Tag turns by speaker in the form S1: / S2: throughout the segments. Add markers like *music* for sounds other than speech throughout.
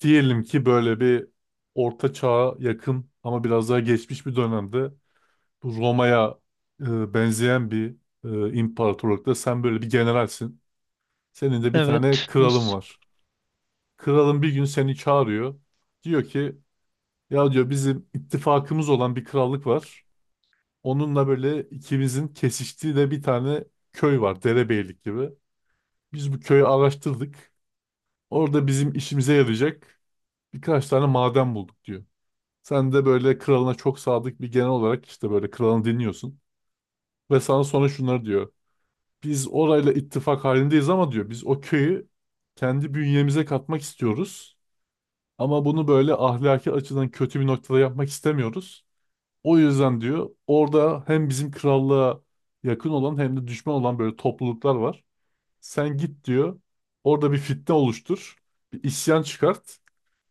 S1: Diyelim ki böyle bir orta çağa yakın ama biraz daha geçmiş bir dönemde bu Roma'ya benzeyen bir imparatorlukta sen böyle bir generalsin. Senin de bir tane
S2: Evet.
S1: kralın
S2: Nasıl?
S1: var. Kralın bir gün seni çağırıyor. Diyor ki ya diyor bizim ittifakımız olan bir krallık var. Onunla böyle ikimizin kesiştiği de bir tane köy var. Derebeylik gibi. Biz bu köyü araştırdık. Orada bizim işimize yarayacak birkaç tane maden bulduk diyor. Sen de böyle kralına çok sadık bir genel olarak işte böyle kralını dinliyorsun. Ve sana sonra şunları diyor. Biz orayla ittifak halindeyiz ama diyor biz o köyü kendi bünyemize katmak istiyoruz. Ama bunu böyle ahlaki açıdan kötü bir noktada yapmak istemiyoruz. O yüzden diyor orada hem bizim krallığa yakın olan hem de düşman olan böyle topluluklar var. Sen git diyor. Orada bir fitne oluştur. Bir isyan çıkart.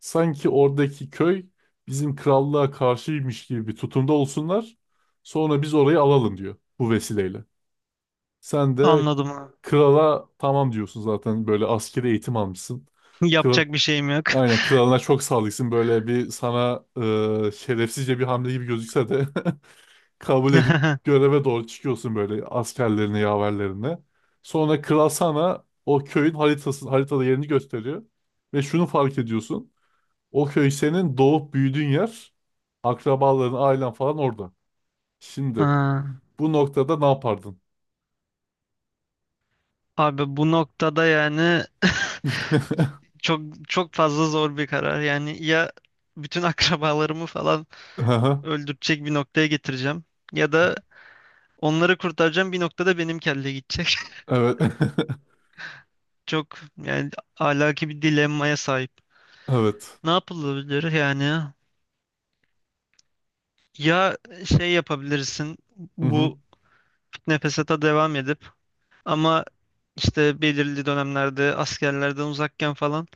S1: Sanki oradaki köy bizim krallığa karşıymış gibi bir tutumda olsunlar. Sonra biz orayı alalım diyor bu vesileyle. Sen de
S2: Anladım abi.
S1: krala tamam diyorsun zaten böyle askeri eğitim almışsın.
S2: *laughs*
S1: Kral,
S2: Yapacak bir şeyim yok.
S1: aynen kralına çok sadıksın böyle bir sana şerefsizce bir hamle gibi gözükse de *laughs* kabul edip
S2: *laughs*
S1: göreve doğru çıkıyorsun böyle askerlerine, yaverlerine. Sonra kral sana o köyün haritasını, haritada yerini gösteriyor. Ve şunu fark ediyorsun. O köy senin doğup büyüdüğün yer. Akrabaların, ailen falan orada. Şimdi
S2: Ha,
S1: bu noktada ne yapardın?
S2: abi bu noktada yani *laughs*
S1: *laughs*
S2: çok çok fazla zor bir karar. Yani ya bütün *laughs* akrabalarımı falan
S1: Aha,
S2: öldürecek bir noktaya getireceğim, ya da onları kurtaracağım bir noktada benim kelle gidecek.
S1: evet. *laughs*
S2: *laughs* Çok yani alaki bir dilemmaya sahip.
S1: Evet.
S2: Ne yapılabilir yani? Ya şey yapabilirsin,
S1: Hı hı.
S2: bu nefesata devam edip. Ama işte belirli dönemlerde askerlerden uzakken falan,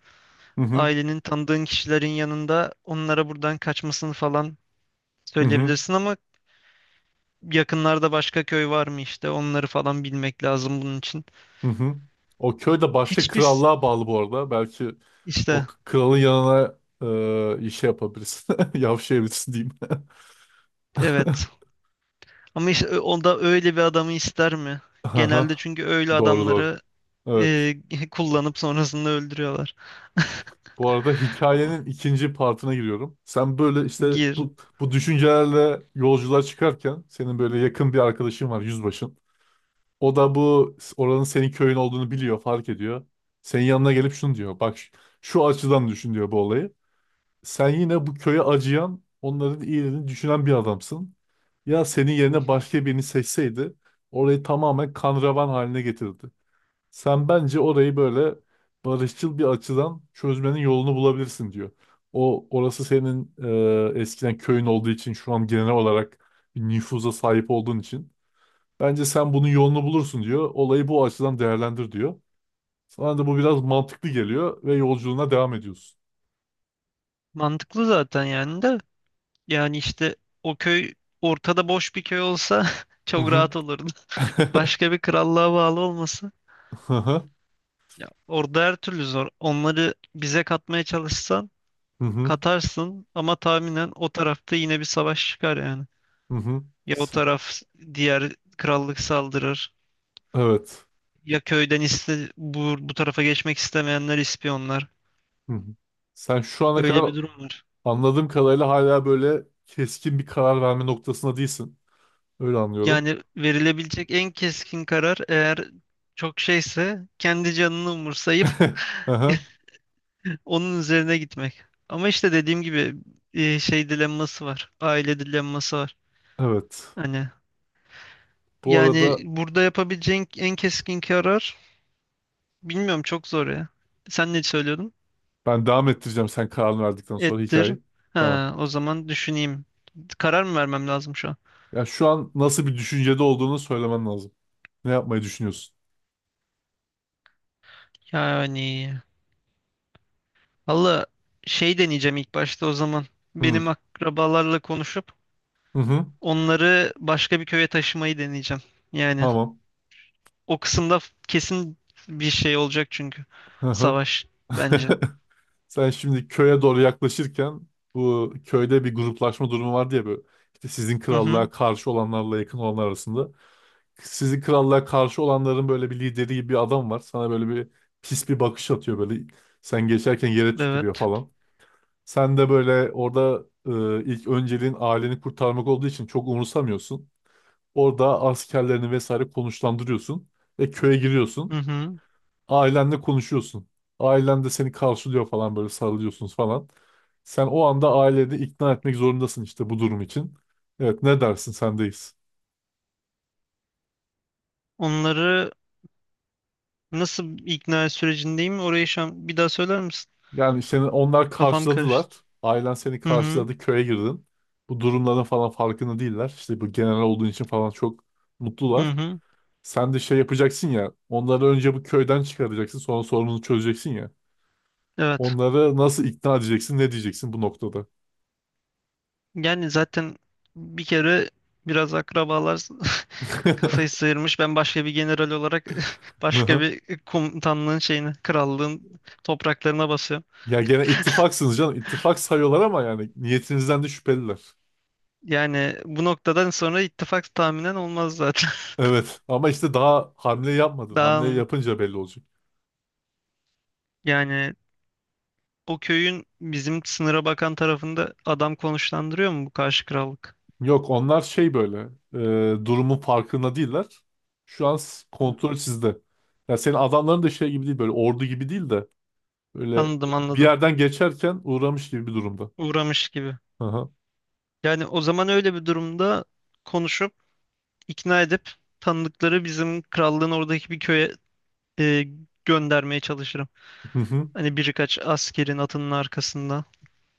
S1: Hı hı.
S2: ailenin tanıdığın kişilerin yanında onlara buradan kaçmasını falan
S1: Hı hı.
S2: söyleyebilirsin ama, yakınlarda başka köy var mı işte onları falan bilmek lazım bunun için.
S1: Hı hı. O köy de başka
S2: Hiçbir s-
S1: krallığa bağlı bu arada. Belki o
S2: işte
S1: kralın yanına şey yapabilirsin. *laughs* Yavşayabilirsin diyeyim. *laughs*
S2: evet
S1: *laughs*
S2: ama işte o da öyle bir adamı ister mi? Genelde
S1: Aha.
S2: çünkü öyle
S1: Doğru doğru.
S2: adamları
S1: Evet.
S2: e, *laughs* kullanıp sonrasında öldürüyorlar.
S1: Bu arada
S2: O-
S1: hikayenin ikinci partına giriyorum. Sen böyle işte
S2: gir.
S1: bu düşüncelerle yolculuğa çıkarken senin böyle yakın bir arkadaşın var yüzbaşın. O da bu oranın senin köyün olduğunu biliyor, fark ediyor. Senin yanına gelip şunu diyor. Bak şu açıdan düşün diyor bu olayı. Sen yine bu köye acıyan, onların iyiliğini düşünen bir adamsın. Ya senin
S2: Hı
S1: yerine
S2: hı.
S1: başka birini seçseydi orayı tamamen kan revan haline getirdi. Sen bence orayı böyle barışçıl bir açıdan çözmenin yolunu bulabilirsin diyor. Orası senin eskiden köyün olduğu için şu an genel olarak bir nüfuza sahip olduğun için bence sen bunun yolunu bulursun diyor. Olayı bu açıdan değerlendir diyor. Sana da bu biraz mantıklı geliyor ve yolculuğuna devam ediyorsun.
S2: Mantıklı zaten yani de. Yani işte o köy ortada boş bir köy olsa *laughs*
S1: Hı
S2: çok
S1: hı.
S2: rahat olurdu.
S1: *laughs*
S2: Başka bir krallığa bağlı olmasa.
S1: Hı hı.
S2: Ya orada her türlü zor. Onları bize katmaya çalışsan
S1: Hı hı.
S2: katarsın ama tahminen o tarafta yine bir savaş çıkar yani.
S1: Hı hı.
S2: Ya o
S1: Sen-
S2: taraf diğer krallık saldırır.
S1: Evet.
S2: Ya köyden iste, bu tarafa geçmek istemeyenler ispiyonlar.
S1: Hı hı. Sen şu ana
S2: Öyle
S1: kadar
S2: bir durum var.
S1: anladığım kadarıyla hala böyle keskin bir karar verme noktasında değilsin. Öyle anlıyorum.
S2: Yani verilebilecek en keskin karar, eğer çok şeyse, kendi canını umursayıp
S1: *laughs*
S2: *laughs*
S1: Aha,
S2: onun üzerine gitmek. Ama işte dediğim gibi şey dilemması var. Aile dilemması var.
S1: evet.
S2: Hani
S1: Bu
S2: yani
S1: arada
S2: burada yapabileceğin en keskin karar, bilmiyorum, çok zor ya. Sen ne söylüyordun?
S1: ben devam ettireceğim sen kararını verdikten sonra
S2: Ettir.
S1: hikayeyi. Tamam.
S2: Ha, o zaman düşüneyim. Karar mı vermem lazım şu an?
S1: Ya şu an nasıl bir düşüncede olduğunu söylemen lazım. Ne yapmayı düşünüyorsun?
S2: Yani valla, şey deneyeceğim ilk başta o zaman.
S1: Hı
S2: Benim akrabalarla konuşup
S1: hı. hı.
S2: onları başka bir köye taşımayı deneyeceğim. Yani
S1: Tamam.
S2: o kısımda kesin bir şey olacak çünkü.
S1: Hı hı.
S2: Savaş bence.
S1: *laughs* Sen şimdi köye doğru yaklaşırken bu köyde bir gruplaşma durumu vardı ya böyle. İşte sizin
S2: Hı hı.
S1: krallığa karşı olanlarla yakın olanlar arasında. Sizin krallığa karşı olanların böyle bir lideri gibi bir adam var. Sana böyle bir pis bir bakış atıyor böyle. Sen geçerken yere tükürüyor
S2: Evet.
S1: falan. Sen de böyle orada ilk önceliğin aileni kurtarmak olduğu için çok umursamıyorsun. Orada askerlerini vesaire konuşlandırıyorsun ve köye
S2: Hı
S1: giriyorsun.
S2: hı.
S1: Ailenle konuşuyorsun. Ailen de seni karşılıyor falan böyle sarılıyorsunuz falan. Sen o anda aileni ikna etmek zorundasın işte bu durum için. Evet ne dersin sendeyiz.
S2: Onları nasıl ikna sürecindeyim? Orayı şu an bir daha söyler misin?
S1: Yani seni onlar
S2: Kafam
S1: karşıladılar.
S2: karıştı.
S1: Ailen seni
S2: Hı hı.
S1: karşıladı köye girdin. Bu durumların falan farkında değiller. İşte bu general olduğun için falan çok
S2: Hı
S1: mutlular.
S2: hı.
S1: Sen de şey yapacaksın ya. Onları önce bu köyden çıkaracaksın. Sonra sorununu çözeceksin ya.
S2: Evet.
S1: Onları nasıl ikna edeceksin? Ne diyeceksin bu noktada?
S2: Yani zaten bir kere biraz akrabalar *laughs* kafayı
S1: *laughs*
S2: sıyırmış. Ben başka bir general olarak *laughs* başka bir komutanlığın şeyine, krallığın topraklarına basıyorum.
S1: Ya gene ittifaksınız canım. İttifak sayıyorlar ama yani niyetinizden de şüpheliler.
S2: Yani bu noktadan sonra ittifak tahminen olmaz zaten.
S1: Evet ama işte daha hamle
S2: *laughs*
S1: yapmadın. Hamle
S2: Daha.
S1: yapınca belli olacak.
S2: Yani o köyün bizim sınıra bakan tarafında adam konuşlandırıyor mu bu karşı krallık?
S1: Yok onlar şey böyle durumun farkında değiller. Şu an
S2: Hı.
S1: kontrol sizde. Ya senin adamların da şey gibi değil böyle ordu gibi değil de böyle
S2: Anladım
S1: bir
S2: anladım.
S1: yerden geçerken uğramış gibi bir durumda.
S2: Uğramış gibi.
S1: Aha.
S2: Yani o zaman öyle bir durumda konuşup, ikna edip, tanıdıkları bizim krallığın oradaki bir köye e, göndermeye çalışırım.
S1: *laughs*
S2: Hani birkaç askerin atının arkasında.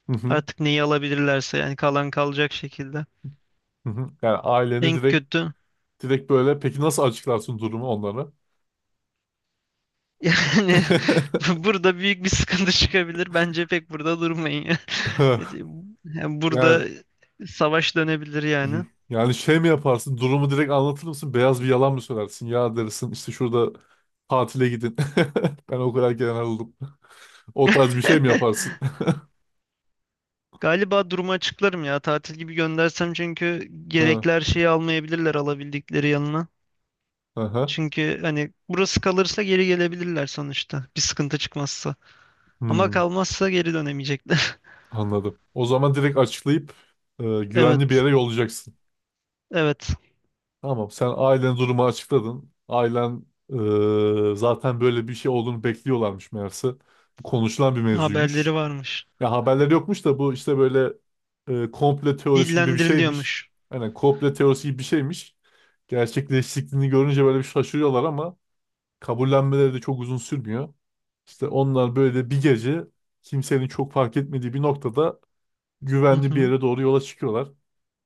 S1: Hı hı,
S2: Artık neyi alabilirlerse yani, kalan kalacak şekilde.
S1: hı hı. Yani aileni
S2: En kötü.
S1: direkt böyle peki nasıl açıklarsın durumu onlara?
S2: Yani *laughs* burada büyük bir sıkıntı çıkabilir. Bence pek burada durmayın ya. *laughs*
S1: *laughs*
S2: Yani burada
S1: Yani
S2: savaş dönebilir yani.
S1: yani şey mi yaparsın? Durumu direkt anlatır mısın? Beyaz bir yalan mı söylersin? Ya dersin işte şurada tatile gidin. *laughs* Ben o kadar gelen aldım. O tarz bir şey mi
S2: *laughs*
S1: yaparsın?
S2: Galiba durumu açıklarım ya. Tatil gibi göndersem çünkü
S1: *laughs* Ha,
S2: gerekli her şeyi almayabilirler alabildikleri yanına.
S1: aha.
S2: Çünkü hani burası kalırsa geri gelebilirler sonuçta. Bir sıkıntı çıkmazsa. Ama
S1: Hmm,
S2: kalmazsa geri dönemeyecekler.
S1: anladım. O zaman direkt açıklayıp
S2: *laughs*
S1: güvenli bir
S2: Evet.
S1: yere yollayacaksın.
S2: Evet.
S1: Tamam sen ailen durumu açıkladın. Ailen zaten böyle bir şey olduğunu bekliyorlarmış meğerse. Bu konuşulan bir
S2: Haberleri
S1: mevzuymuş.
S2: varmış.
S1: Ya haberleri yokmuş da bu işte böyle komple teorisi gibi bir şeymiş.
S2: Dillendiriliyormuş.
S1: Hani komple teorisi gibi bir şeymiş. Gerçekleştiğini görünce böyle bir şaşırıyorlar ama kabullenmeleri de çok uzun sürmüyor. İşte onlar böyle bir gece kimsenin çok fark etmediği bir noktada
S2: Hı
S1: güvenli bir
S2: hı.
S1: yere doğru yola çıkıyorlar.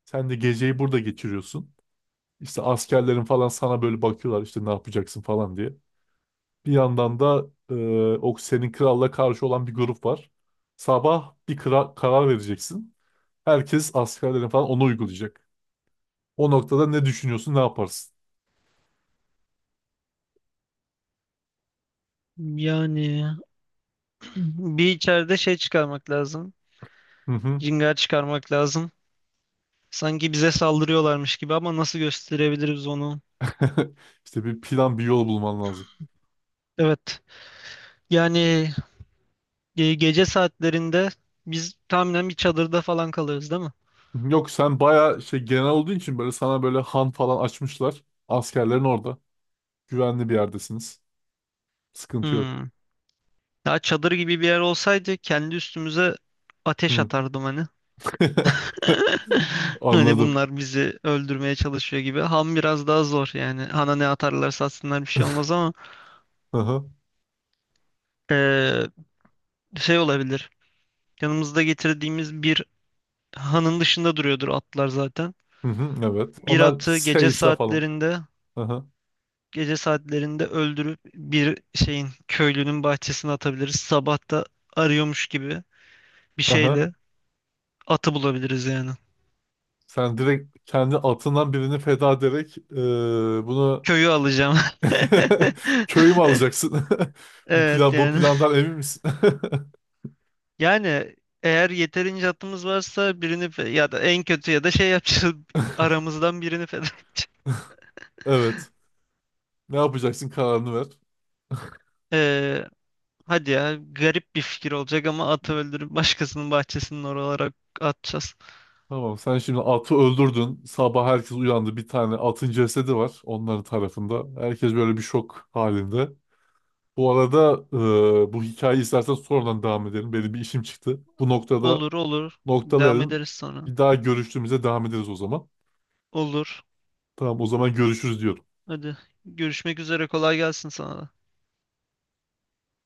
S1: Sen de geceyi burada geçiriyorsun. İşte askerlerin falan sana böyle bakıyorlar işte ne yapacaksın falan diye. Bir yandan da o senin kralla karşı olan bir grup var. Sabah bir karar vereceksin. Herkes askerlerin falan onu uygulayacak. O noktada ne düşünüyorsun, ne yaparsın?
S2: Yani bir içeride şey çıkarmak lazım.
S1: Hı hı.
S2: Cingar çıkarmak lazım. Sanki bize saldırıyorlarmış gibi, ama nasıl gösterebiliriz onu?
S1: *laughs* İşte bir plan, bir yol bulman lazım.
S2: Evet. Yani gece saatlerinde biz tahminen bir çadırda falan kalırız değil mi?
S1: Yok sen bayağı şey genel olduğu için böyle sana böyle han falan açmışlar. Askerlerin orada. Güvenli bir yerdesiniz. Sıkıntı yok.
S2: Hmm. Ya çadır gibi bir yer olsaydı kendi üstümüze ateş
S1: Hı.
S2: atardım hani.
S1: *laughs*
S2: *laughs* Hani
S1: Anladım.
S2: bunlar bizi öldürmeye çalışıyor gibi. Ham biraz daha zor yani. Hana ne atarlarsa atsınlar bir şey olmaz ama
S1: Hı hı.
S2: eee, şey olabilir. Yanımızda getirdiğimiz bir Han'ın dışında duruyordur atlar zaten.
S1: Hı hı, evet.
S2: Bir
S1: Onlar
S2: atı
S1: seyse falan. Hı hı,
S2: gece saatlerinde öldürüp bir şeyin köylünün bahçesine atabiliriz. Sabah da arıyormuş gibi bir
S1: hı hı.
S2: şeyle atı bulabiliriz yani.
S1: Sen direkt kendi atından birini feda ederek bunu
S2: Köyü alacağım. *laughs*
S1: *laughs* köyü mü alacaksın? *laughs*
S2: Evet
S1: Bu
S2: yani.
S1: plandan emin misin? *laughs*
S2: Yani eğer yeterince atımız varsa birini ya da en kötü ya da şey yapacağız. *laughs* Aramızdan birini feda edeceğiz.
S1: Evet. Ne yapacaksın kararını ver.
S2: Ee, hadi ya, garip bir fikir olacak ama atı öldürüp başkasının bahçesinin oralara atacağız.
S1: Tamam sen şimdi atı öldürdün. Sabah herkes uyandı. Bir tane atın cesedi var onların tarafında. Herkes böyle bir şok halinde. Bu arada bu hikayeyi istersen sonradan devam edelim. Benim bir işim çıktı. Bu noktada
S2: Olur olur. Devam
S1: noktalayalım.
S2: ederiz sonra.
S1: Bir daha görüştüğümüzde devam ederiz o zaman.
S2: Olur.
S1: Tamam o zaman görüşürüz diyorum.
S2: Hadi, görüşmek üzere, kolay gelsin sana da.